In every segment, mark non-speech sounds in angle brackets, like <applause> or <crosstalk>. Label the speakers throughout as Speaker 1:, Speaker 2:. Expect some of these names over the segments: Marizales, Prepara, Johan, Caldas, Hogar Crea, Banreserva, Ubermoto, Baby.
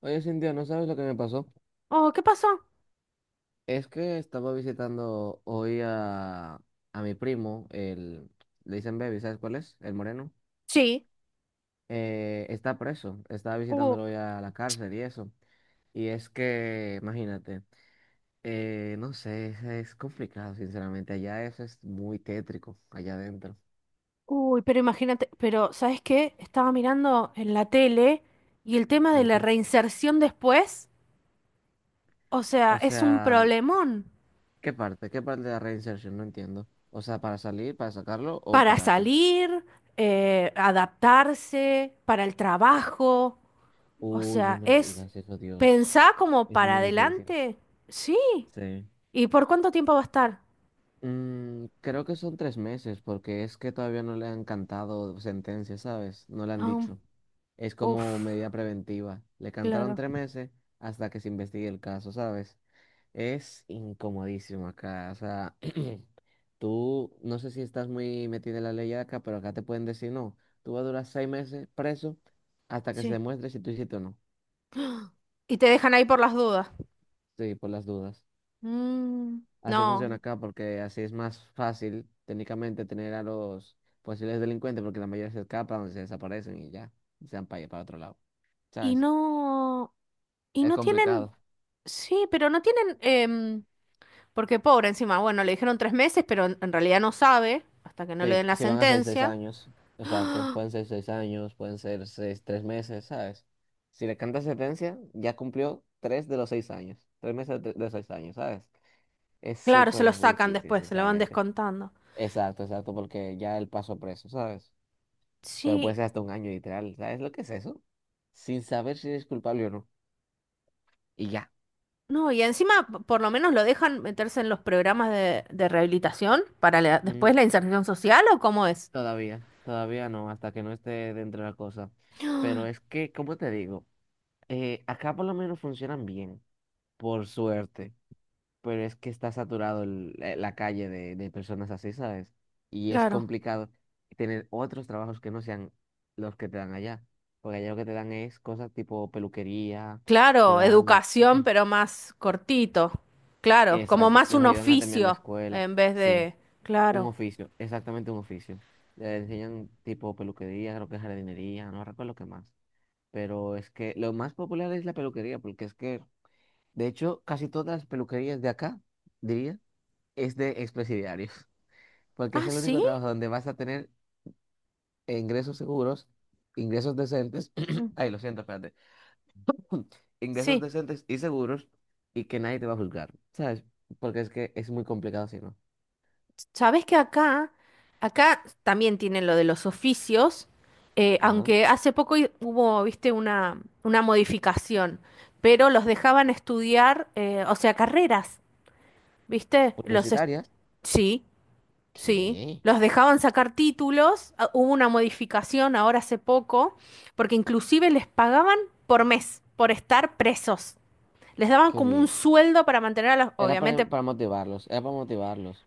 Speaker 1: Oye, Cintia, ¿no sabes lo que me pasó?
Speaker 2: Oh, ¿qué pasó?
Speaker 1: Es que estaba visitando hoy a mi primo, le dicen Baby, ¿sabes cuál es? El moreno.
Speaker 2: Sí.
Speaker 1: Está preso, estaba
Speaker 2: Oh,
Speaker 1: visitándolo hoy a la cárcel y eso. Y es que, imagínate, no sé, es complicado, sinceramente. Allá eso es muy tétrico, allá adentro.
Speaker 2: uy, pero imagínate, pero ¿sabes qué? Estaba mirando en la tele y el tema de
Speaker 1: ¿El
Speaker 2: la
Speaker 1: qué?
Speaker 2: reinserción después, o sea,
Speaker 1: O
Speaker 2: es un
Speaker 1: sea,
Speaker 2: problemón
Speaker 1: ¿qué parte? ¿Qué parte de la reinserción? No entiendo. O sea, ¿para salir, para sacarlo o
Speaker 2: para
Speaker 1: para qué?
Speaker 2: salir, adaptarse, para el trabajo, o
Speaker 1: Uy, no
Speaker 2: sea,
Speaker 1: me
Speaker 2: es
Speaker 1: digas eso, Dios.
Speaker 2: pensar como
Speaker 1: Es
Speaker 2: para
Speaker 1: muy difícil.
Speaker 2: adelante, sí.
Speaker 1: Sí.
Speaker 2: ¿Y por cuánto tiempo va a estar?
Speaker 1: Creo que son 3 meses, porque es que todavía no le han cantado sentencia, ¿sabes? No le han
Speaker 2: Ah,
Speaker 1: dicho. Es
Speaker 2: uf,
Speaker 1: como medida preventiva. Le cantaron
Speaker 2: claro,
Speaker 1: 3 meses hasta que se investigue el caso, ¿sabes? Es incomodísimo acá. O sea, <clears throat> tú no sé si estás muy metido en la ley acá, pero acá te pueden decir no. Tú vas a durar 6 meses preso hasta que se
Speaker 2: sí.
Speaker 1: demuestre si tú hiciste o no.
Speaker 2: Y te dejan ahí por las dudas.
Speaker 1: Sí, por las dudas.
Speaker 2: Mm,
Speaker 1: Así funciona
Speaker 2: no.
Speaker 1: acá porque así es más fácil técnicamente tener a los posibles delincuentes porque la mayoría se escapan, se desaparecen y ya, y se van para otro lado.
Speaker 2: Y
Speaker 1: ¿Sabes?
Speaker 2: no, y
Speaker 1: Es
Speaker 2: no tienen,
Speaker 1: complicado.
Speaker 2: sí, pero no tienen, porque pobre encima, bueno, le dijeron 3 meses, pero en realidad no sabe, hasta que no le
Speaker 1: Sí,
Speaker 2: den la
Speaker 1: si van a ser seis
Speaker 2: sentencia.
Speaker 1: años, exacto, pueden ser 6 años, pueden ser 6, 3 meses, ¿sabes? Si le cantas sentencia, ya cumplió 3 de los 6 años, 3 meses de los 6 años, ¿sabes? Es
Speaker 2: Claro, se lo
Speaker 1: súper
Speaker 2: sacan
Speaker 1: difícil,
Speaker 2: después, se lo van
Speaker 1: sinceramente.
Speaker 2: descontando.
Speaker 1: Exacto, exacto, porque ya él pasó preso, ¿sabes? Pero puede
Speaker 2: Sí,
Speaker 1: ser hasta un año, literal. ¿Sabes lo que es eso? Sin saber si eres culpable o no. Y ya.
Speaker 2: no, y encima por lo menos lo dejan meterse en los programas de rehabilitación para después
Speaker 1: Mm,
Speaker 2: la inserción social o cómo es.
Speaker 1: todavía no, hasta que no esté dentro de la cosa. Pero es que, como te digo? Acá por lo menos funcionan bien, por suerte. Pero es que está saturado la calle de personas así, ¿sabes? Y es
Speaker 2: Claro.
Speaker 1: complicado tener otros trabajos que no sean los que te dan allá. Porque allá lo que te dan es cosas tipo peluquería, te
Speaker 2: Claro,
Speaker 1: dan,
Speaker 2: educación, pero más cortito. Claro, como
Speaker 1: exacto,
Speaker 2: más
Speaker 1: los
Speaker 2: un
Speaker 1: ayudan a terminar la
Speaker 2: oficio
Speaker 1: escuela.
Speaker 2: en vez
Speaker 1: Sí.
Speaker 2: de.
Speaker 1: Un
Speaker 2: Claro.
Speaker 1: oficio, exactamente un oficio. Le enseñan tipo peluquería, creo que jardinería, no recuerdo qué más. Pero es que lo más popular es la peluquería, porque es que, de hecho, casi todas las peluquerías de acá, diría, es de expresidiarios, <laughs> porque es
Speaker 2: Ah,
Speaker 1: el
Speaker 2: sí.
Speaker 1: único trabajo donde vas a tener ingresos seguros, ingresos decentes, <clears throat> ay, lo siento, espérate, <clears throat> ingresos
Speaker 2: Sí,
Speaker 1: decentes y seguros y que nadie te va a juzgar, ¿sabes? Porque es que es muy complicado si no.
Speaker 2: sabes que acá también tienen lo de los oficios,
Speaker 1: Ajá.
Speaker 2: aunque hace poco hubo, viste, una modificación, pero los dejaban estudiar, o sea, carreras, viste,
Speaker 1: Universitarias,
Speaker 2: sí, sí,
Speaker 1: ¿qué?
Speaker 2: los dejaban sacar títulos, ah, hubo una modificación ahora hace poco, porque inclusive les pagaban por mes, por estar presos. Les daban
Speaker 1: Qué
Speaker 2: como un
Speaker 1: bien.
Speaker 2: sueldo para mantener a los,
Speaker 1: Era
Speaker 2: obviamente.
Speaker 1: para motivarlos, era para motivarlos.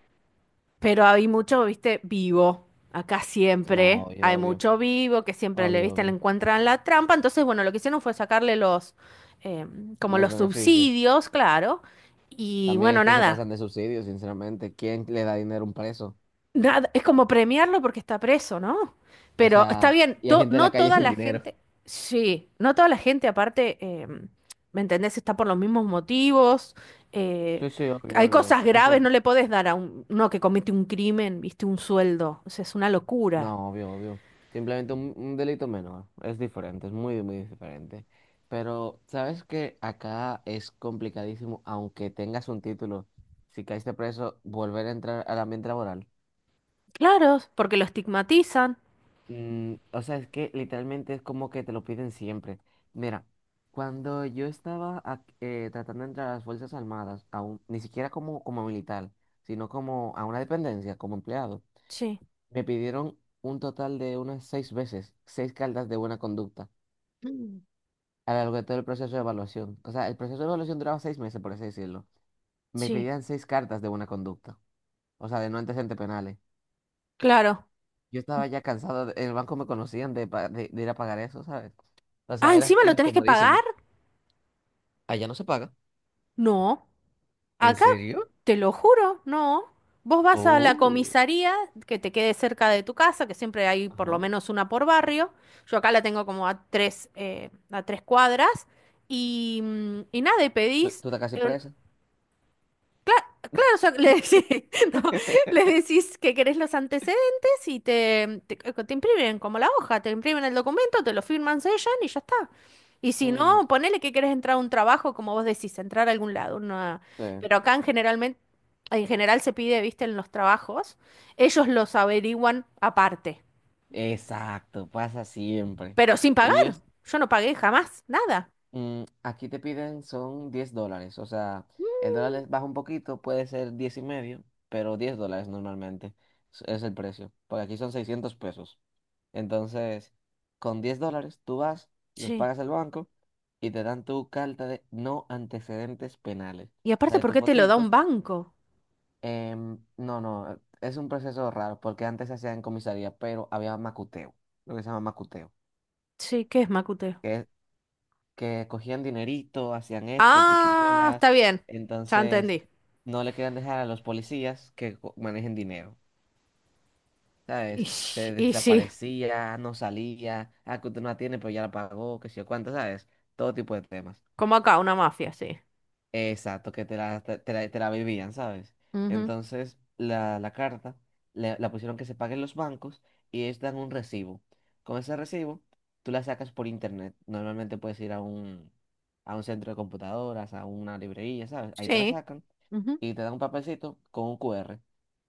Speaker 2: Pero hay mucho, viste, vivo. Acá siempre
Speaker 1: No, obvio,
Speaker 2: hay
Speaker 1: obvio,
Speaker 2: mucho vivo que siempre le,
Speaker 1: obvio,
Speaker 2: viste, le
Speaker 1: obvio.
Speaker 2: encuentran la trampa. Entonces, bueno, lo que hicieron fue sacarle los, eh, como
Speaker 1: Los
Speaker 2: los
Speaker 1: beneficios.
Speaker 2: subsidios, claro. Y
Speaker 1: También es
Speaker 2: bueno,
Speaker 1: que se
Speaker 2: nada.
Speaker 1: pasan de subsidios, sinceramente. ¿Quién le da dinero a un preso?
Speaker 2: Nada, es como premiarlo porque está preso, ¿no?
Speaker 1: O
Speaker 2: Pero está
Speaker 1: sea,
Speaker 2: bien,
Speaker 1: y hay gente en la
Speaker 2: no
Speaker 1: calle
Speaker 2: toda
Speaker 1: sin
Speaker 2: la
Speaker 1: dinero.
Speaker 2: gente, sí, no toda la gente aparte, ¿me entendés? Está por los mismos motivos. eh,
Speaker 1: Sí, sí, obvio,
Speaker 2: hay
Speaker 1: obvio.
Speaker 2: cosas
Speaker 1: Es
Speaker 2: graves,
Speaker 1: que,
Speaker 2: no le podés dar a uno que comete un crimen, viste, un sueldo. O sea, es una locura.
Speaker 1: no, obvio, obvio. Simplemente un delito menor. Es diferente, es muy, muy diferente. Pero, ¿sabes qué? Acá es complicadísimo, aunque tengas un título, si caíste preso, volver a entrar al ambiente laboral.
Speaker 2: Claro, porque lo estigmatizan.
Speaker 1: Mm, o sea, es que literalmente es como que te lo piden siempre. Mira, cuando yo estaba tratando de entrar a las Fuerzas Armadas, aún, ni siquiera como, como militar, sino como a una dependencia, como empleado,
Speaker 2: Sí.
Speaker 1: me pidieron un total de unas 6 veces, 6 cartas de buena conducta
Speaker 2: Mm.
Speaker 1: a lo largo de todo el proceso de evaluación. O sea, el proceso de evaluación duraba 6 meses, por así decirlo. Me
Speaker 2: Sí,
Speaker 1: pedían 6 cartas de buena conducta, o sea, de no antecedentes penales.
Speaker 2: claro.
Speaker 1: Yo estaba ya cansado, en el banco me conocían de, de ir a pagar eso, ¿sabes? O
Speaker 2: Ah,
Speaker 1: sea, era
Speaker 2: encima lo tenés que pagar.
Speaker 1: incomodísimo. Allá no se paga.
Speaker 2: No.
Speaker 1: ¿En
Speaker 2: Acá,
Speaker 1: serio?
Speaker 2: te lo juro, no. Vos vas a la
Speaker 1: Oh,
Speaker 2: comisaría que te quede cerca de tu casa, que siempre hay por lo
Speaker 1: ajá.
Speaker 2: menos una por barrio. Yo acá la tengo como a 3 cuadras. Y nada, y
Speaker 1: ¿Tú,
Speaker 2: pedís.
Speaker 1: tú estás casi
Speaker 2: eh,
Speaker 1: presa?
Speaker 2: Claro, claro, o sea, le, <laughs> sí, no, le
Speaker 1: <laughs>
Speaker 2: decís que querés los antecedentes y te imprimen como la hoja, te imprimen el documento, te lo firman, sellan y ya está. Y si
Speaker 1: Mm,
Speaker 2: no, ponele que querés entrar a un trabajo, como vos decís, entrar a algún lado.
Speaker 1: sí.
Speaker 2: Pero acá en general se pide, viste, en los trabajos, ellos los averiguan aparte,
Speaker 1: Exacto, pasa siempre.
Speaker 2: pero sin pagar.
Speaker 1: Ellos.
Speaker 2: Yo no pagué jamás, nada.
Speaker 1: Aquí te piden son $10, o sea, el baja un poquito, puede ser 10 y medio, pero $10 normalmente es el precio, porque aquí son 600 pesos. Entonces, con $10 tú vas, los
Speaker 2: Sí.
Speaker 1: pagas al banco y te dan tu carta de no antecedentes penales,
Speaker 2: Y
Speaker 1: o sea,
Speaker 2: aparte,
Speaker 1: de
Speaker 2: ¿por
Speaker 1: tu
Speaker 2: qué te lo da un
Speaker 1: fotito.
Speaker 2: banco?
Speaker 1: No, no, es un proceso raro, porque antes se hacía en comisaría, pero había macuteo, lo que se llama macuteo,
Speaker 2: Sí, ¿qué es Macute?
Speaker 1: que cogían dinerito, hacían esto,
Speaker 2: Ah,
Speaker 1: triquiñuelas,
Speaker 2: está bien. Ya
Speaker 1: entonces
Speaker 2: entendí.
Speaker 1: no le querían dejar a los policías que manejen dinero,
Speaker 2: Y,
Speaker 1: ¿sabes?
Speaker 2: s-
Speaker 1: Se
Speaker 2: y sí.
Speaker 1: desaparecía, no salía, ah, que usted no la tiene, pero ya la pagó, qué sé yo cuánto, ¿sabes? Todo tipo de temas.
Speaker 2: Como acá, una mafia, sí.
Speaker 1: Exacto, que te la vivían, ¿sabes?
Speaker 2: Ujú.
Speaker 1: Entonces, la carta la pusieron que se paguen los bancos y ellos dan un recibo. Con ese recibo, tú la sacas por internet. Normalmente puedes ir a un centro de computadoras, a una librería, ¿sabes? Ahí te la
Speaker 2: Sí.
Speaker 1: sacan
Speaker 2: Ujú.
Speaker 1: y te dan un papelcito con un QR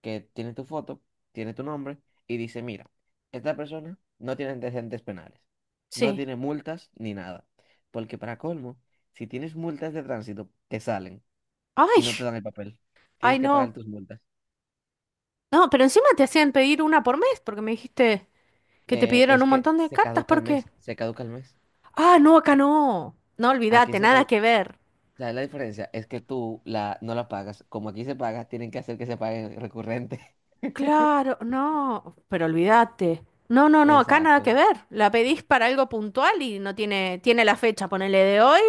Speaker 1: que tiene tu foto, tiene tu nombre y dice, mira, esta persona no tiene antecedentes penales, no
Speaker 2: Sí.
Speaker 1: tiene multas ni nada. Porque para colmo, si tienes multas de tránsito, te salen
Speaker 2: Ay,
Speaker 1: y no te dan el papel.
Speaker 2: ay,
Speaker 1: Tienes que pagar
Speaker 2: no.
Speaker 1: tus multas.
Speaker 2: No, pero encima te hacían pedir una por mes porque me dijiste que te pidieron
Speaker 1: Es
Speaker 2: un
Speaker 1: que
Speaker 2: montón de
Speaker 1: se
Speaker 2: cartas.
Speaker 1: caduca el
Speaker 2: ¿Por qué?
Speaker 1: mes, se caduca el mes.
Speaker 2: Ah, no, acá no. No,
Speaker 1: Aquí
Speaker 2: olvídate,
Speaker 1: se
Speaker 2: nada
Speaker 1: caduca.
Speaker 2: que ver.
Speaker 1: ¿Sabes la diferencia? Es que tú la, no la pagas. Como aquí se paga, tienen que hacer que se pague recurrente. <laughs>
Speaker 2: Claro, no, pero olvídate. No, no, no, acá nada
Speaker 1: Exacto.
Speaker 2: que ver. La pedís para algo puntual y no tiene, tiene la fecha, ponele de hoy,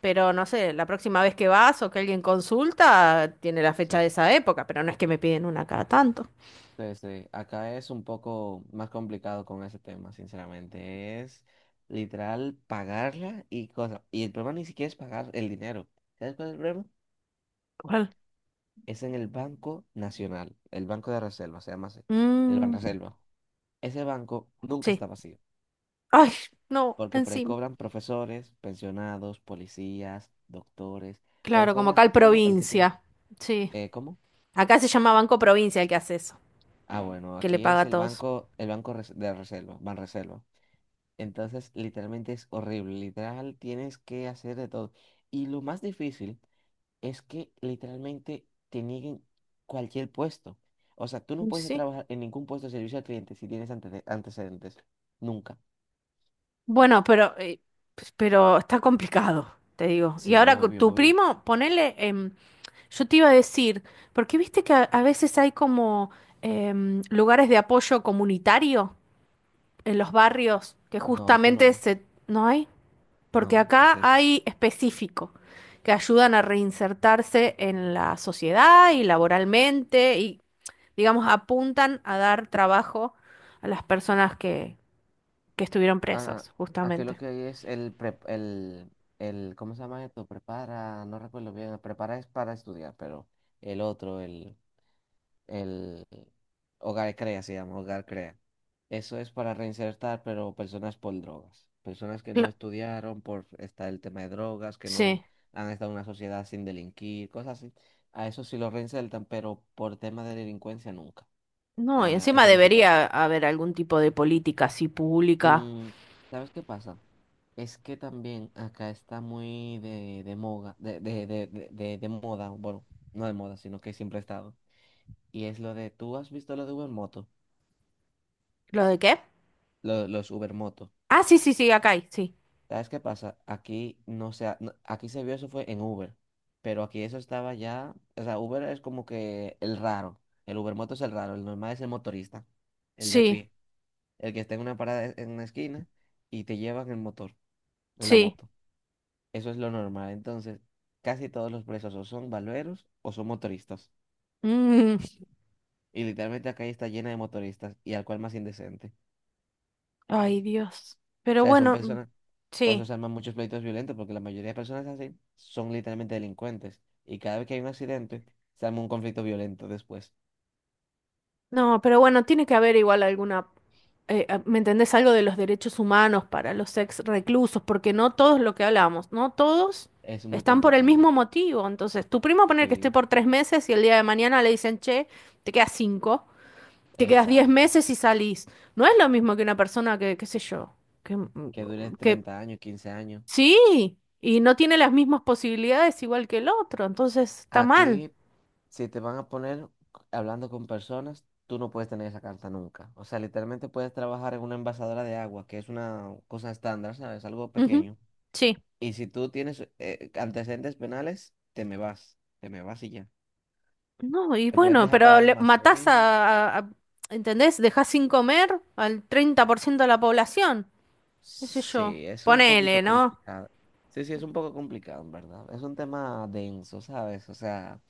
Speaker 2: pero no sé, la próxima vez que vas o que alguien consulta, tiene la
Speaker 1: Sí.
Speaker 2: fecha de esa época, pero no es que me piden una cada tanto.
Speaker 1: Sí, sí. Acá es un poco más complicado con ese tema, sinceramente. Es literal pagarla y cosas. Y el problema ni siquiera es pagar el dinero. ¿Sabes cuál es el problema?
Speaker 2: ¿Cuál?
Speaker 1: Es en el Banco Nacional, el Banco de Reserva, se llama así, el
Speaker 2: Mm,
Speaker 1: Banreserva. Ese banco nunca
Speaker 2: sí.
Speaker 1: está vacío,
Speaker 2: Ay, no,
Speaker 1: porque por ahí
Speaker 2: encima.
Speaker 1: cobran profesores, pensionados, policías, doctores, por ahí
Speaker 2: Claro, como acá
Speaker 1: cobra
Speaker 2: el
Speaker 1: todo el que tiene...
Speaker 2: provincia. Sí.
Speaker 1: ¿cómo?
Speaker 2: Acá se llama Banco Provincia el que hace eso,
Speaker 1: Ah, bueno,
Speaker 2: que le
Speaker 1: aquí
Speaker 2: paga
Speaker 1: es
Speaker 2: a
Speaker 1: el
Speaker 2: todos.
Speaker 1: banco, el de reserva, Banreserva. Entonces, literalmente es horrible. Literal, tienes que hacer de todo. Y lo más difícil es que literalmente te nieguen cualquier puesto. O sea, tú no
Speaker 2: Y
Speaker 1: puedes
Speaker 2: sí.
Speaker 1: trabajar en ningún puesto de servicio al cliente si tienes antecedentes. Nunca.
Speaker 2: Bueno, pero, pues, pero está complicado, te digo. Y
Speaker 1: Sí,
Speaker 2: ahora con
Speaker 1: obvio,
Speaker 2: tu
Speaker 1: obvio.
Speaker 2: primo, ponele, yo te iba a decir, porque viste que a veces hay como lugares de apoyo comunitario en los barrios que
Speaker 1: No, aquí no
Speaker 2: justamente
Speaker 1: hay.
Speaker 2: se. ¿No hay? Porque
Speaker 1: No, ¿qué es
Speaker 2: acá
Speaker 1: eso?
Speaker 2: hay específico, que ayudan a reinsertarse en la sociedad y laboralmente y, digamos, apuntan a dar trabajo a las personas que estuvieron
Speaker 1: Ah,
Speaker 2: presos,
Speaker 1: aquí lo
Speaker 2: justamente.
Speaker 1: que hay es el, prep- el, ¿cómo se llama esto? Prepara, no recuerdo bien. Prepara es para estudiar, pero el otro, el Hogar Crea, se llama Hogar Crea. Eso es para reinsertar, pero personas por drogas, personas que no
Speaker 2: Cla-
Speaker 1: estudiaron por estar el tema de drogas, que no
Speaker 2: Sí.
Speaker 1: han estado en una sociedad sin delinquir, cosas así. A eso sí lo reinsertan, pero por tema de delincuencia nunca.
Speaker 2: No, y
Speaker 1: A
Speaker 2: encima
Speaker 1: eso no se toca.
Speaker 2: debería haber algún tipo de política así pública.
Speaker 1: Mm, ¿sabes qué pasa? Es que también acá está muy de moda, de moda, bueno, no de moda, sino que siempre ha estado. Y es lo de, ¿tú has visto lo de Ubermoto?
Speaker 2: ¿Lo de qué?
Speaker 1: Los Uber Moto.
Speaker 2: Ah, sí, sí, sí, acá hay, sí.
Speaker 1: ¿Sabes qué pasa? Aquí no se, aquí se vio eso fue en Uber, pero aquí eso estaba ya, o sea, Uber es como que el raro, el Uber Moto es el raro, el normal es el motorista, el de a
Speaker 2: Sí,
Speaker 1: pie, el que está en una parada e, en una esquina y te llevan el motor, en la
Speaker 2: sí.
Speaker 1: moto. Eso es lo normal. Entonces, casi todos los presos o son valveros o son motoristas.
Speaker 2: Mm,
Speaker 1: Y literalmente acá está llena de motoristas y al cual más indecente.
Speaker 2: ay, Dios.
Speaker 1: O
Speaker 2: Pero
Speaker 1: sea, son
Speaker 2: bueno, mm,
Speaker 1: personas, por eso
Speaker 2: sí.
Speaker 1: se arman muchos pleitos violentos, porque la mayoría de personas así son literalmente delincuentes. Y cada vez que hay un accidente, se arma un conflicto violento después.
Speaker 2: No, pero bueno, tiene que haber igual alguna, ¿me entendés? Algo de los derechos humanos para los ex reclusos, porque no todos lo que hablamos, no todos
Speaker 1: Es muy
Speaker 2: están por el
Speaker 1: complicado.
Speaker 2: mismo motivo. Entonces, tu primo poner que esté
Speaker 1: Sí,
Speaker 2: por 3 meses y el día de mañana le dicen, che, te quedas cinco, te quedas diez
Speaker 1: exacto.
Speaker 2: meses y salís. No es lo mismo que una persona que, qué sé yo, que, mm,
Speaker 1: Que dure
Speaker 2: mm, que
Speaker 1: 30 años, 15 años.
Speaker 2: sí, y no tiene las mismas posibilidades igual que el otro, entonces está mal.
Speaker 1: Aquí, si te van a poner hablando con personas, tú no puedes tener esa carta nunca. O sea, literalmente puedes trabajar en una envasadora de agua, que es una cosa estándar, ¿sabes? Algo
Speaker 2: Ujú.
Speaker 1: pequeño.
Speaker 2: Sí.
Speaker 1: Y si tú tienes antecedentes penales, te me vas. Te me vas y ya.
Speaker 2: No, y
Speaker 1: Te pueden
Speaker 2: bueno,
Speaker 1: dejar para
Speaker 2: pero
Speaker 1: el
Speaker 2: matás
Speaker 1: almacén.
Speaker 2: ¿entendés? Dejás sin comer al 30% de la población, qué sé yo.
Speaker 1: Sí, es un
Speaker 2: Ponele,
Speaker 1: poquito
Speaker 2: ¿no?
Speaker 1: complicado. Sí, sí, es un poco complicado, en verdad. Es un tema denso, ¿sabes? O sea,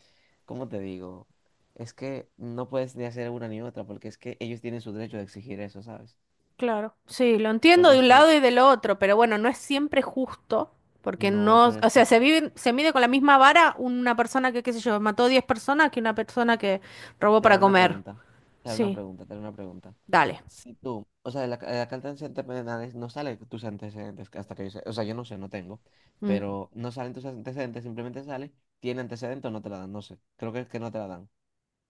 Speaker 1: ¿cómo te digo? Es que no puedes ni hacer una ni otra, porque es que ellos tienen su derecho de exigir eso, ¿sabes?
Speaker 2: Claro. Sí, lo entiendo
Speaker 1: Porque
Speaker 2: de
Speaker 1: es
Speaker 2: un
Speaker 1: que,
Speaker 2: lado y del otro, pero bueno, no es siempre justo, porque
Speaker 1: no,
Speaker 2: no,
Speaker 1: pero
Speaker 2: o
Speaker 1: es
Speaker 2: sea,
Speaker 1: que
Speaker 2: se vive, se mide con la misma vara una persona que, qué sé yo, mató 10 personas que una persona que robó
Speaker 1: te
Speaker 2: para
Speaker 1: haré una
Speaker 2: comer.
Speaker 1: pregunta, te haré una
Speaker 2: Sí,
Speaker 1: pregunta, te haré una pregunta.
Speaker 2: dale.
Speaker 1: Si tú, o sea, de la, de la carta de antecedentes penales no sale tus antecedentes, que hasta que yo sé, o sea, yo no sé, no tengo,
Speaker 2: Mm,
Speaker 1: pero no salen tus antecedentes, simplemente sale, tiene antecedentes o no te la dan, no sé, creo que es que no te la dan.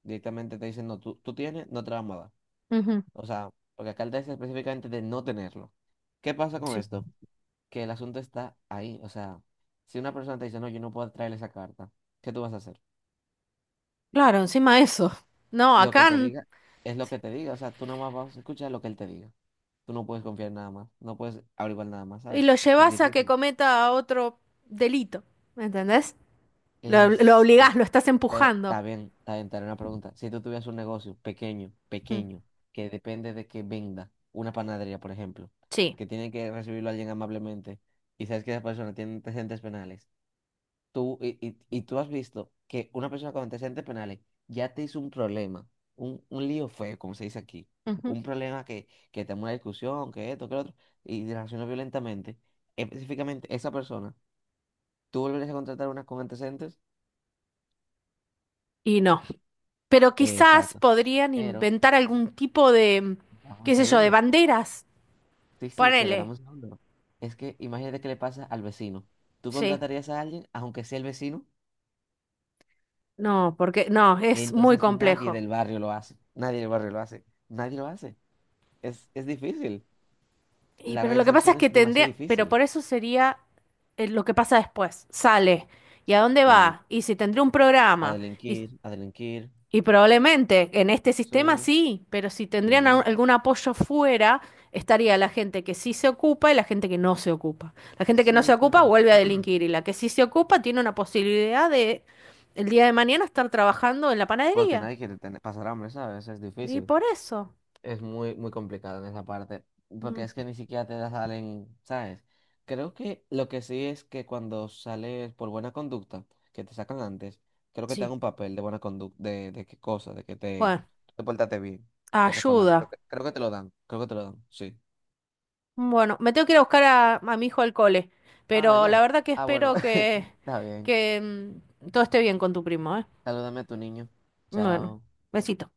Speaker 1: Directamente te dicen, no, tú tienes, no te la vamos a dar.
Speaker 2: ujú,
Speaker 1: O sea, porque acá dice específicamente de no tenerlo. ¿Qué pasa con
Speaker 2: sí.
Speaker 1: esto? Que el asunto está ahí, o sea, si una persona te dice, no, yo no puedo traer esa carta, ¿qué tú vas a hacer?
Speaker 2: Claro, encima eso. No,
Speaker 1: Lo que
Speaker 2: acá.
Speaker 1: te diga es lo que te diga, o sea, tú nada más vas a escuchar lo que él te diga. Tú no puedes confiar en nada más, no puedes averiguar nada más,
Speaker 2: Y
Speaker 1: ¿sabes?
Speaker 2: lo
Speaker 1: Es
Speaker 2: llevas a que
Speaker 1: difícil.
Speaker 2: cometa otro delito, ¿me entendés? Lo
Speaker 1: Es
Speaker 2: obligás,
Speaker 1: que,
Speaker 2: lo estás
Speaker 1: pero
Speaker 2: empujando.
Speaker 1: está bien, te haré una pregunta. Si tú tuvieras un negocio pequeño,
Speaker 2: Mm.
Speaker 1: pequeño, que depende de que venda, una panadería, por ejemplo,
Speaker 2: Sí.
Speaker 1: que tiene que recibirlo alguien amablemente, y sabes que esa persona tiene antecedentes penales, tú, y tú has visto que una persona con antecedentes penales ya te hizo un problema, un lío feo, como se dice aquí,
Speaker 2: Ujú.
Speaker 1: un problema que te una discusión, que esto, que lo otro, y te reaccionó violentamente. Específicamente, esa persona, ¿tú volverías a contratar una con antecedentes?
Speaker 2: Y no. Pero quizás
Speaker 1: Exacto.
Speaker 2: podrían
Speaker 1: Pero,
Speaker 2: inventar algún tipo de,
Speaker 1: dame un
Speaker 2: qué sé yo, de
Speaker 1: segundo.
Speaker 2: banderas.
Speaker 1: Sí, sí, pero dame
Speaker 2: Ponele.
Speaker 1: un segundo. Es que imagínate qué le pasa al vecino. ¿Tú
Speaker 2: Sí.
Speaker 1: contratarías a alguien, aunque sea el vecino?
Speaker 2: No, porque no, es muy
Speaker 1: Entonces nadie
Speaker 2: complejo.
Speaker 1: del barrio lo hace. Nadie del barrio lo hace. Nadie lo hace. Es difícil.
Speaker 2: Y
Speaker 1: La
Speaker 2: pero lo que pasa es
Speaker 1: reinserción
Speaker 2: que
Speaker 1: es demasiado
Speaker 2: tendría, pero
Speaker 1: difícil.
Speaker 2: por eso sería lo que pasa después. Sale. ¿Y a dónde
Speaker 1: Sí.
Speaker 2: va? Y si tendría un
Speaker 1: A
Speaker 2: programa. Y
Speaker 1: delinquir, a delinquir.
Speaker 2: Y probablemente en este
Speaker 1: Sí,
Speaker 2: sistema sí, pero si tendrían
Speaker 1: sí,
Speaker 2: algún apoyo fuera, estaría la gente que sí se ocupa y la gente que no se ocupa. La gente que no se
Speaker 1: sí,
Speaker 2: ocupa
Speaker 1: pero...
Speaker 2: vuelve a delinquir y la que sí se ocupa tiene una posibilidad de el día de mañana estar trabajando en la
Speaker 1: Porque
Speaker 2: panadería.
Speaker 1: nadie quiere tener, pasar hambre, ¿sabes? Es
Speaker 2: Y
Speaker 1: difícil.
Speaker 2: por eso.
Speaker 1: Es muy, muy complicado en esa parte. Porque
Speaker 2: Mm,
Speaker 1: es que ni siquiera te la salen, ¿sabes? Creo que lo que sí es que cuando sales por buena conducta, que te sacan antes, creo que te dan
Speaker 2: sí.
Speaker 1: un papel de buena conducta, de qué cosa, de que te,
Speaker 2: Bueno,
Speaker 1: te portaste bien, te reformaste.
Speaker 2: ayuda.
Speaker 1: Creo que te lo dan, creo que te lo dan, sí.
Speaker 2: Bueno, me tengo que ir a buscar a mi hijo al cole,
Speaker 1: Ah,
Speaker 2: pero la
Speaker 1: ya.
Speaker 2: verdad que
Speaker 1: Ah, bueno,
Speaker 2: espero
Speaker 1: <laughs>
Speaker 2: que,
Speaker 1: está bien.
Speaker 2: que todo esté bien con tu primo, ¿eh?
Speaker 1: Salúdame a tu niño.
Speaker 2: Bueno,
Speaker 1: Chao.
Speaker 2: besito.